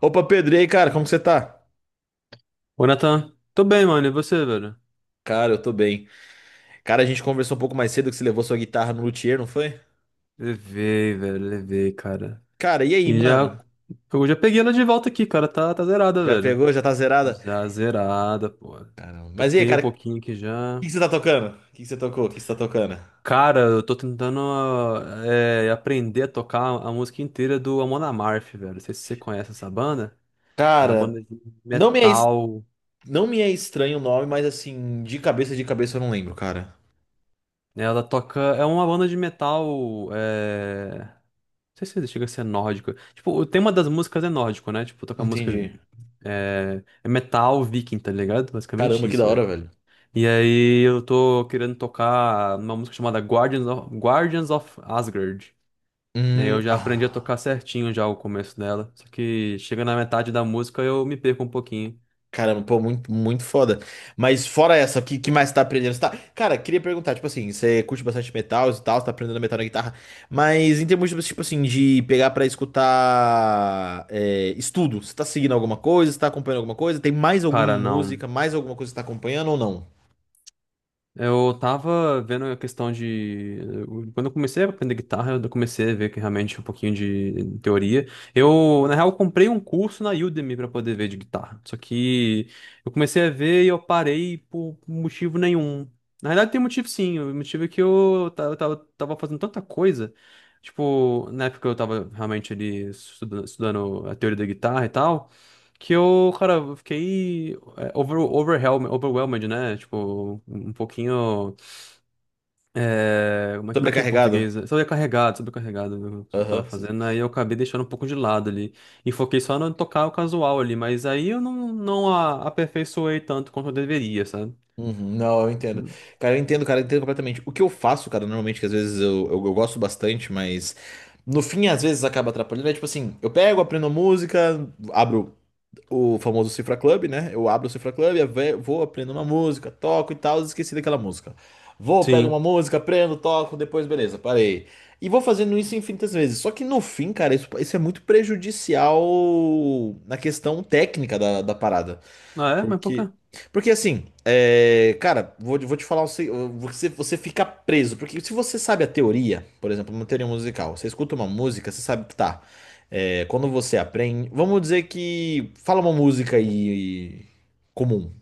Opa, Pedro, e aí, cara, como que você tá? Ô, Nathan, tô bem, mano. E você, velho? Cara, eu tô bem. Cara, a gente conversou um pouco mais cedo que você levou sua guitarra no luthier, não foi? Levei, velho, levei, cara. Cara, e aí, E já. mano? Eu já peguei ela de volta aqui, cara. Tá, tá zerada, Já velho. pegou? Já tá zerada? Já zerada, pô. Caramba. Mas e aí, Toquei um cara, pouquinho o aqui que já. que você tá tocando? O que que você tocou? O que que você tá tocando? Cara, eu tô tentando aprender a tocar a música inteira do Amon Amarth, velho. Não sei se você conhece essa banda. É uma Cara, banda de não me é, es- metal. não me é estranho o nome, mas assim, de cabeça eu não lembro, cara. Né? Ela toca. É uma banda de metal. Não sei se chega a ser nórdico. Tipo, o tema das músicas é nórdico, né? Tipo, tocar música Entendi. é metal viking, tá ligado? Caramba, Basicamente que da isso, né? hora, velho. E aí eu tô querendo tocar uma música chamada Guardians of Asgard. Né? Eu já aprendi a Ah. tocar certinho já o começo dela. Só que chega na metade da música eu me perco um pouquinho. Caramba, pô, muito, muito foda. Mas fora essa, o que, que mais você tá aprendendo? Você tá... Cara, queria perguntar, tipo assim, você curte bastante metal e tal, você tá aprendendo metal na guitarra, mas em termos, de, tipo assim, de pegar pra escutar é, estudo, você tá seguindo alguma coisa, você tá acompanhando alguma coisa? Tem mais alguma Cara, não. música, mais alguma coisa que você tá acompanhando ou não? Eu tava vendo a questão de. Quando eu comecei a aprender guitarra, eu comecei a ver que realmente um pouquinho de teoria. Eu, na real, eu comprei um curso na Udemy pra poder ver de guitarra. Só que eu comecei a ver e eu parei por motivo nenhum. Na realidade, tem motivo sim. O motivo é que eu tava fazendo tanta coisa. Tipo, na época eu tava realmente ali estudando, estudando a teoria da guitarra e tal. Que eu, cara, eu fiquei. Overwhelmed, né? Tipo, um pouquinho. Como é que é em português? Sobrecarregado? Sobrecarregado, sobrecarregado do que eu tava Aham. fazendo. Aí eu acabei deixando um pouco de lado ali. E foquei só no tocar o casual ali. Mas aí eu não aperfeiçoei tanto quanto eu deveria, sabe? Uhum, não, eu entendo. Hum. Cara, eu entendo, cara, eu entendo completamente. O que eu faço, cara, normalmente, que às vezes eu gosto bastante, mas no fim, às vezes acaba atrapalhando, é tipo assim, eu pego, aprendo a música, abro o famoso Cifra Club, né? Eu abro o Cifra Club, vou, aprendo uma música, toco e tal, esqueci daquela música. Vou, pego uma Sim. música, aprendo, toco, depois beleza, parei. E vou fazendo isso infinitas vezes. Só que no fim, cara, isso é muito prejudicial na questão técnica da, da parada. Ah, é? Mas por quê? Porque, porque assim, é, cara, vou te falar, você fica preso. Porque se você sabe a teoria, por exemplo, uma teoria musical, você escuta uma música, você sabe, tá. É, quando você aprende. Vamos dizer que. Fala uma música aí comum.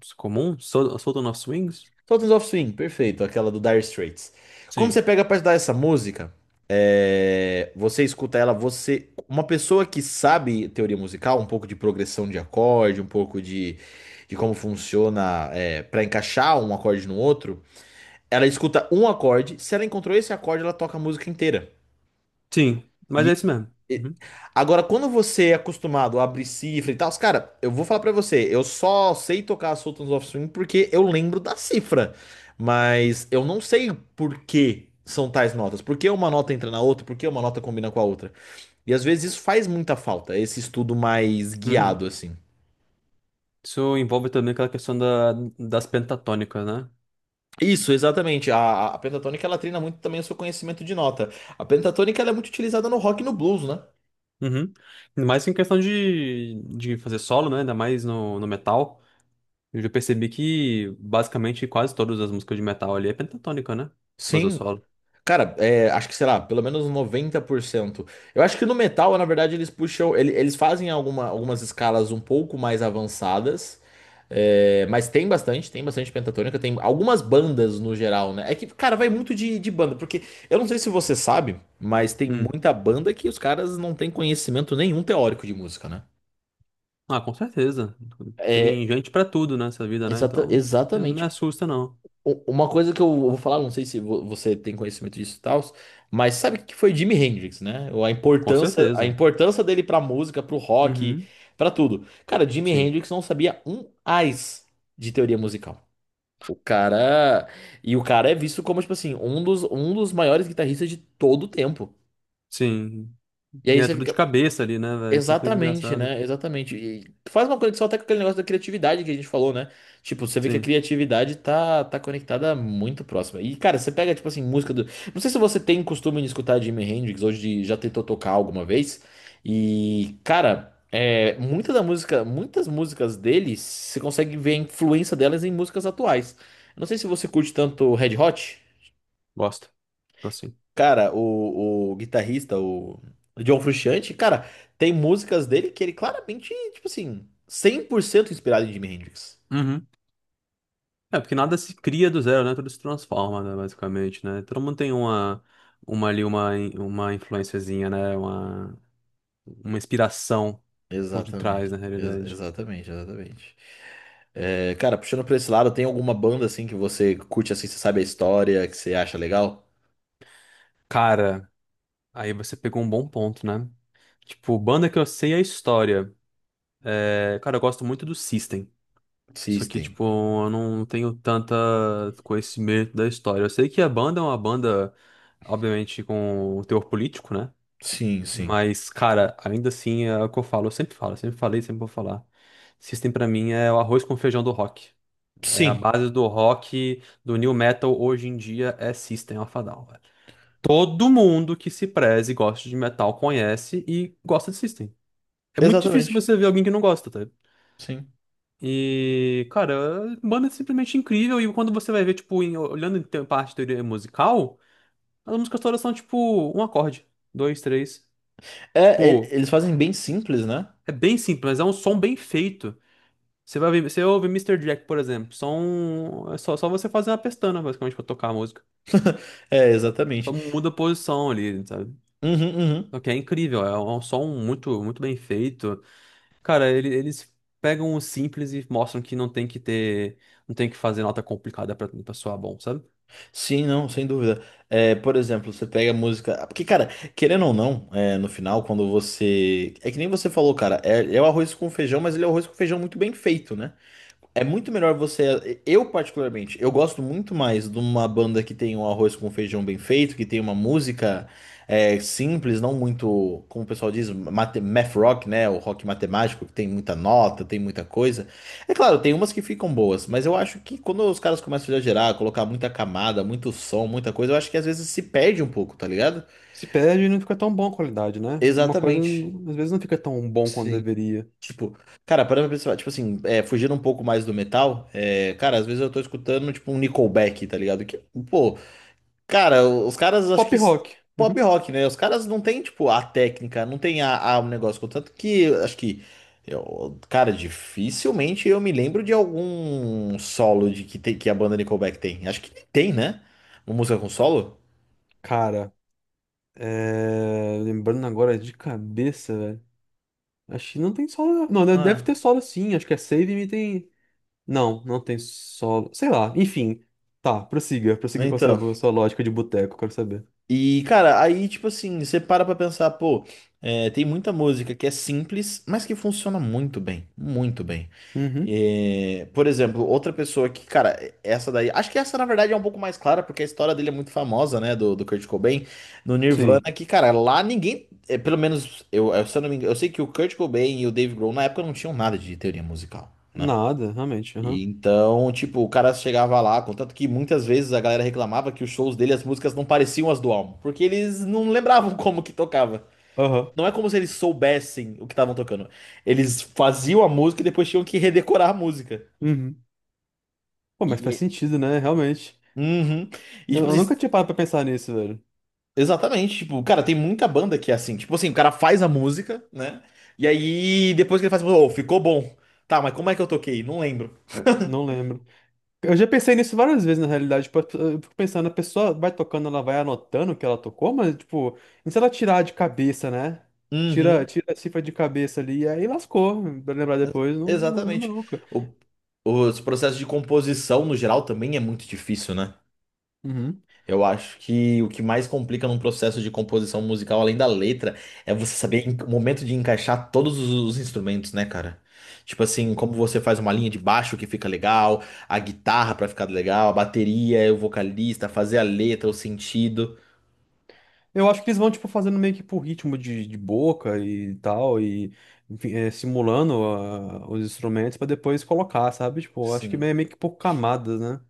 Isso é comum? Solta nos swings? Sultans of Swing, perfeito, aquela do Dire Straits. Quando Sim. você pega pra estudar essa música, é, você escuta ela, você. Uma pessoa que sabe teoria musical, um pouco de progressão de acorde, um pouco de como funciona é, para encaixar um acorde no outro, ela escuta um acorde, se ela encontrou esse acorde, ela toca a música inteira. Sim. Mas é isso mesmo. E- Uhum. Agora, quando você é acostumado a abrir cifra e tal, os cara, eu vou falar pra você, eu só sei tocar Sultans of Swing porque eu lembro da cifra, mas eu não sei por que são tais notas, por que uma nota entra na outra, por que uma nota combina com a outra. E às vezes isso faz muita falta, esse estudo mais Uhum. guiado assim. Isso envolve também aquela questão das pentatônicas, né? Isso, exatamente. A pentatônica ela treina muito também o seu conhecimento de nota. A pentatônica ela é muito utilizada no rock e no blues, né? Uhum. Ainda mais em questão de fazer solo, né? Ainda mais no metal. Eu já percebi que basicamente quase todas as músicas de metal ali é pentatônica, né? Fazer o Sim, solo. cara, é, acho que, sei lá, pelo menos 90%. Eu acho que no metal, na verdade, eles fazem algumas escalas um pouco mais avançadas. É, mas tem bastante pentatônica, tem algumas bandas no geral, né? É que, cara, vai muito de banda, porque eu não sei se você sabe, mas tem Hum. muita banda que os caras não têm conhecimento nenhum teórico de música, né? Ah, com certeza. Tem É, gente pra tudo nessa vida, né? Então, não me exatamente. assusta, não. U uma coisa que eu vou falar, não sei se você tem conhecimento disso e tal, mas sabe que foi Jimi Hendrix, né? Ou a Com importância, a certeza. importância dele pra música, pro rock, Uhum. pra tudo. Cara, Jimi Sim. Hendrix não sabia um ais de teoria musical. O cara, e o cara é visto como tipo assim, um dos maiores guitarristas de todo o tempo. Sim. E E aí é você tudo de fica, cabeça ali, né, velho? Que coisa exatamente, engraçada. né? Exatamente. E faz uma conexão até com aquele negócio da criatividade que a gente falou, né? Tipo, você vê que a Sim. criatividade tá conectada muito próxima. E, cara, você pega, tipo assim, música do. Não sei se você tem costume de escutar Jimi Hendrix, hoje de... já tentou tocar alguma vez. E, cara, é... muita da música, muitas músicas dele, você consegue ver a influência delas em músicas atuais. Eu não sei se você curte tanto Red Hot. Gosto. Gosto sim. Cara, o guitarrista, o John Frusciante, cara, tem músicas dele que ele claramente, tipo assim, 100% inspirado em Jimi Hendrix. Uhum. É, porque nada se cria do zero, né? Tudo se transforma, né, basicamente, né? Todo mundo tem uma influenciazinha, né? Uma inspiração por detrás, Exatamente. na realidade. Exatamente. É, cara, puxando pra esse lado, tem alguma banda assim que você curte assim, você sabe a história, que você acha legal? Cara, aí você pegou um bom ponto, né? Tipo, banda que eu sei é a história. É, cara, eu gosto muito do System. Só que, System. tipo, eu não tenho tanta conhecimento da história. Eu sei que a banda é uma banda, obviamente, com o teor político, né? Sim, sim. Mas, cara, ainda assim é o que eu falo, eu sempre falei, sempre vou falar. System pra mim é o arroz com feijão do rock. É a Sim, base do rock, do new metal hoje em dia é System of a Down, velho. Todo mundo que se preze e gosta de metal conhece e gosta de System. É muito difícil exatamente. você ver alguém que não gosta, tá? Sim. E, cara, banda é simplesmente incrível e quando você vai ver, tipo, olhando parte de teoria musical, as músicas todas são tipo um acorde, dois, três. É, Tipo, eles fazem bem simples, né? é bem simples, mas é um som bem feito. Você vai ver, você ouve Mister Jack, por exemplo, som, é só você fazer uma pestana, basicamente, pra tocar a música. É, Só exatamente. muda a posição ali, sabe? Uhum, uhum. Só que é incrível, é um som muito, muito bem feito. Cara, eles pegam o simples e mostram que não tem que ter, não tem que fazer nota complicada pra soar bom, sabe? Sim, não, sem dúvida. É, por exemplo, você pega a música. Porque, cara, querendo ou não, é, no final, quando você. É que nem você falou, cara, é, é o arroz com feijão, mas ele é o arroz com feijão muito bem feito, né? É muito melhor você. Eu, particularmente, eu gosto muito mais de uma banda que tem um arroz com feijão bem feito, que tem uma música é, simples, não muito, como o pessoal diz, math rock, né? O rock matemático, que tem muita nota, tem muita coisa. É claro, tem umas que ficam boas, mas eu acho que quando os caras começam a exagerar, colocar muita camada, muito som, muita coisa, eu acho que às vezes se perde um pouco, tá ligado? Se perde e não fica tão bom a qualidade, né? Uma coisa, Exatamente. Às vezes, não fica tão bom quanto Sim. deveria. Tipo, cara, parando pra pensar, tipo assim, é, fugindo um pouco mais do metal, é, cara, às vezes eu tô escutando, tipo, um Nickelback, tá ligado? Que, pô, cara, os caras, acho Pop que rock. pop Uhum. rock, né? Os caras não tem, tipo, a técnica, não tem a um negócio, contanto que, acho que, cara, dificilmente eu me lembro de algum solo de que, tem, que a banda Nickelback tem. Acho que tem, né? Uma música com solo? Cara, lembrando agora de cabeça, velho. A China não tem solo. Não, deve Ah, ter solo sim. Acho que a Save Me tem. Não, não tem solo. Sei lá, enfim. Tá, prossiga. Prossiga com a então. sua lógica de boteco, quero saber. E, cara, aí, tipo assim, você para pra pensar, pô, é, tem muita música que é simples, mas que funciona muito bem, muito bem. Uhum. É, por exemplo, outra pessoa que, cara, essa daí, acho que essa na verdade é um pouco mais clara, porque a história dele é muito famosa, né, do, do Kurt Cobain, no Nirvana, Sim. que, cara, lá ninguém, é, pelo menos, eu, se eu não me engano, eu sei que o Kurt Cobain e o Dave Grohl na época não tinham nada de teoria musical, né? Nada, realmente. E Aham. então, tipo, o cara chegava lá, contanto que muitas vezes a galera reclamava que os shows dele, as músicas não pareciam as do álbum, porque eles não lembravam como que tocava. Aham. Não é como se eles soubessem o que estavam tocando. Eles faziam a música e depois tinham que redecorar a música. Uhum. Pô, mas faz E, sentido, né? Realmente. uhum. E Eu, tipo eu nunca assim, tinha parado pra pensar nisso, velho. exatamente, tipo, cara, tem muita banda que é assim, tipo assim, o cara faz a música, né? E aí depois que ele faz, a música, "Oh, ficou bom. Tá, mas como é que eu toquei? Não lembro. Não lembro. Eu já pensei nisso várias vezes, na realidade. Tipo, eu fico pensando, a pessoa vai tocando, ela vai anotando o que ela tocou, mas, tipo, e se ela tirar de cabeça, né? Tira, Uhum. tira a cifra de cabeça ali, e aí lascou, pra lembrar depois, não, não lembra Exatamente. nunca. O- os processos de composição, no geral, também é muito difícil, né? Uhum. Eu acho que o que mais complica num processo de composição musical, além da letra, é você saber o momento de encaixar todos os instrumentos, né, cara? Tipo assim, como você faz uma linha de baixo que fica legal, a guitarra pra ficar legal, a bateria, o vocalista, fazer a letra, o sentido. Eu acho que eles vão, tipo, fazendo meio que por ritmo de boca e tal, e enfim, simulando os instrumentos pra depois colocar, sabe? Tipo, eu acho que Sim. meio que por camadas, né?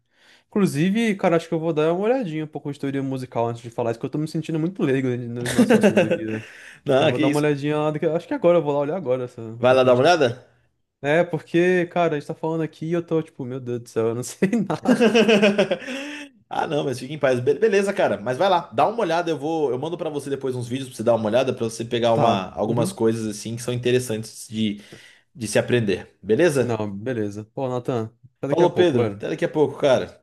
Inclusive, cara, acho que eu vou dar uma olhadinha um pouco de teoria musical antes de falar isso, que eu tô me sentindo muito leigo no nosso assunto aqui, né? Eu Não, vou que dar uma isso. olhadinha lá, acho que agora, eu vou lá olhar agora essa, um Vai lá pouquinho dar uma de teoria. olhada? É, porque, cara, a gente tá falando aqui e eu tô, tipo, meu Deus do céu, eu não sei nada. Ah, não, mas fique em paz. Beleza, cara. Mas vai lá, dá uma olhada. Eu vou, eu mando pra você depois uns vídeos pra você dar uma olhada, pra você pegar Tá, uma, algumas uhum. coisas assim que são interessantes de se aprender. Beleza? Não, beleza. Pô, Nathan, até daqui a Falou, pouco, Pedro. velho. Até daqui a pouco, cara.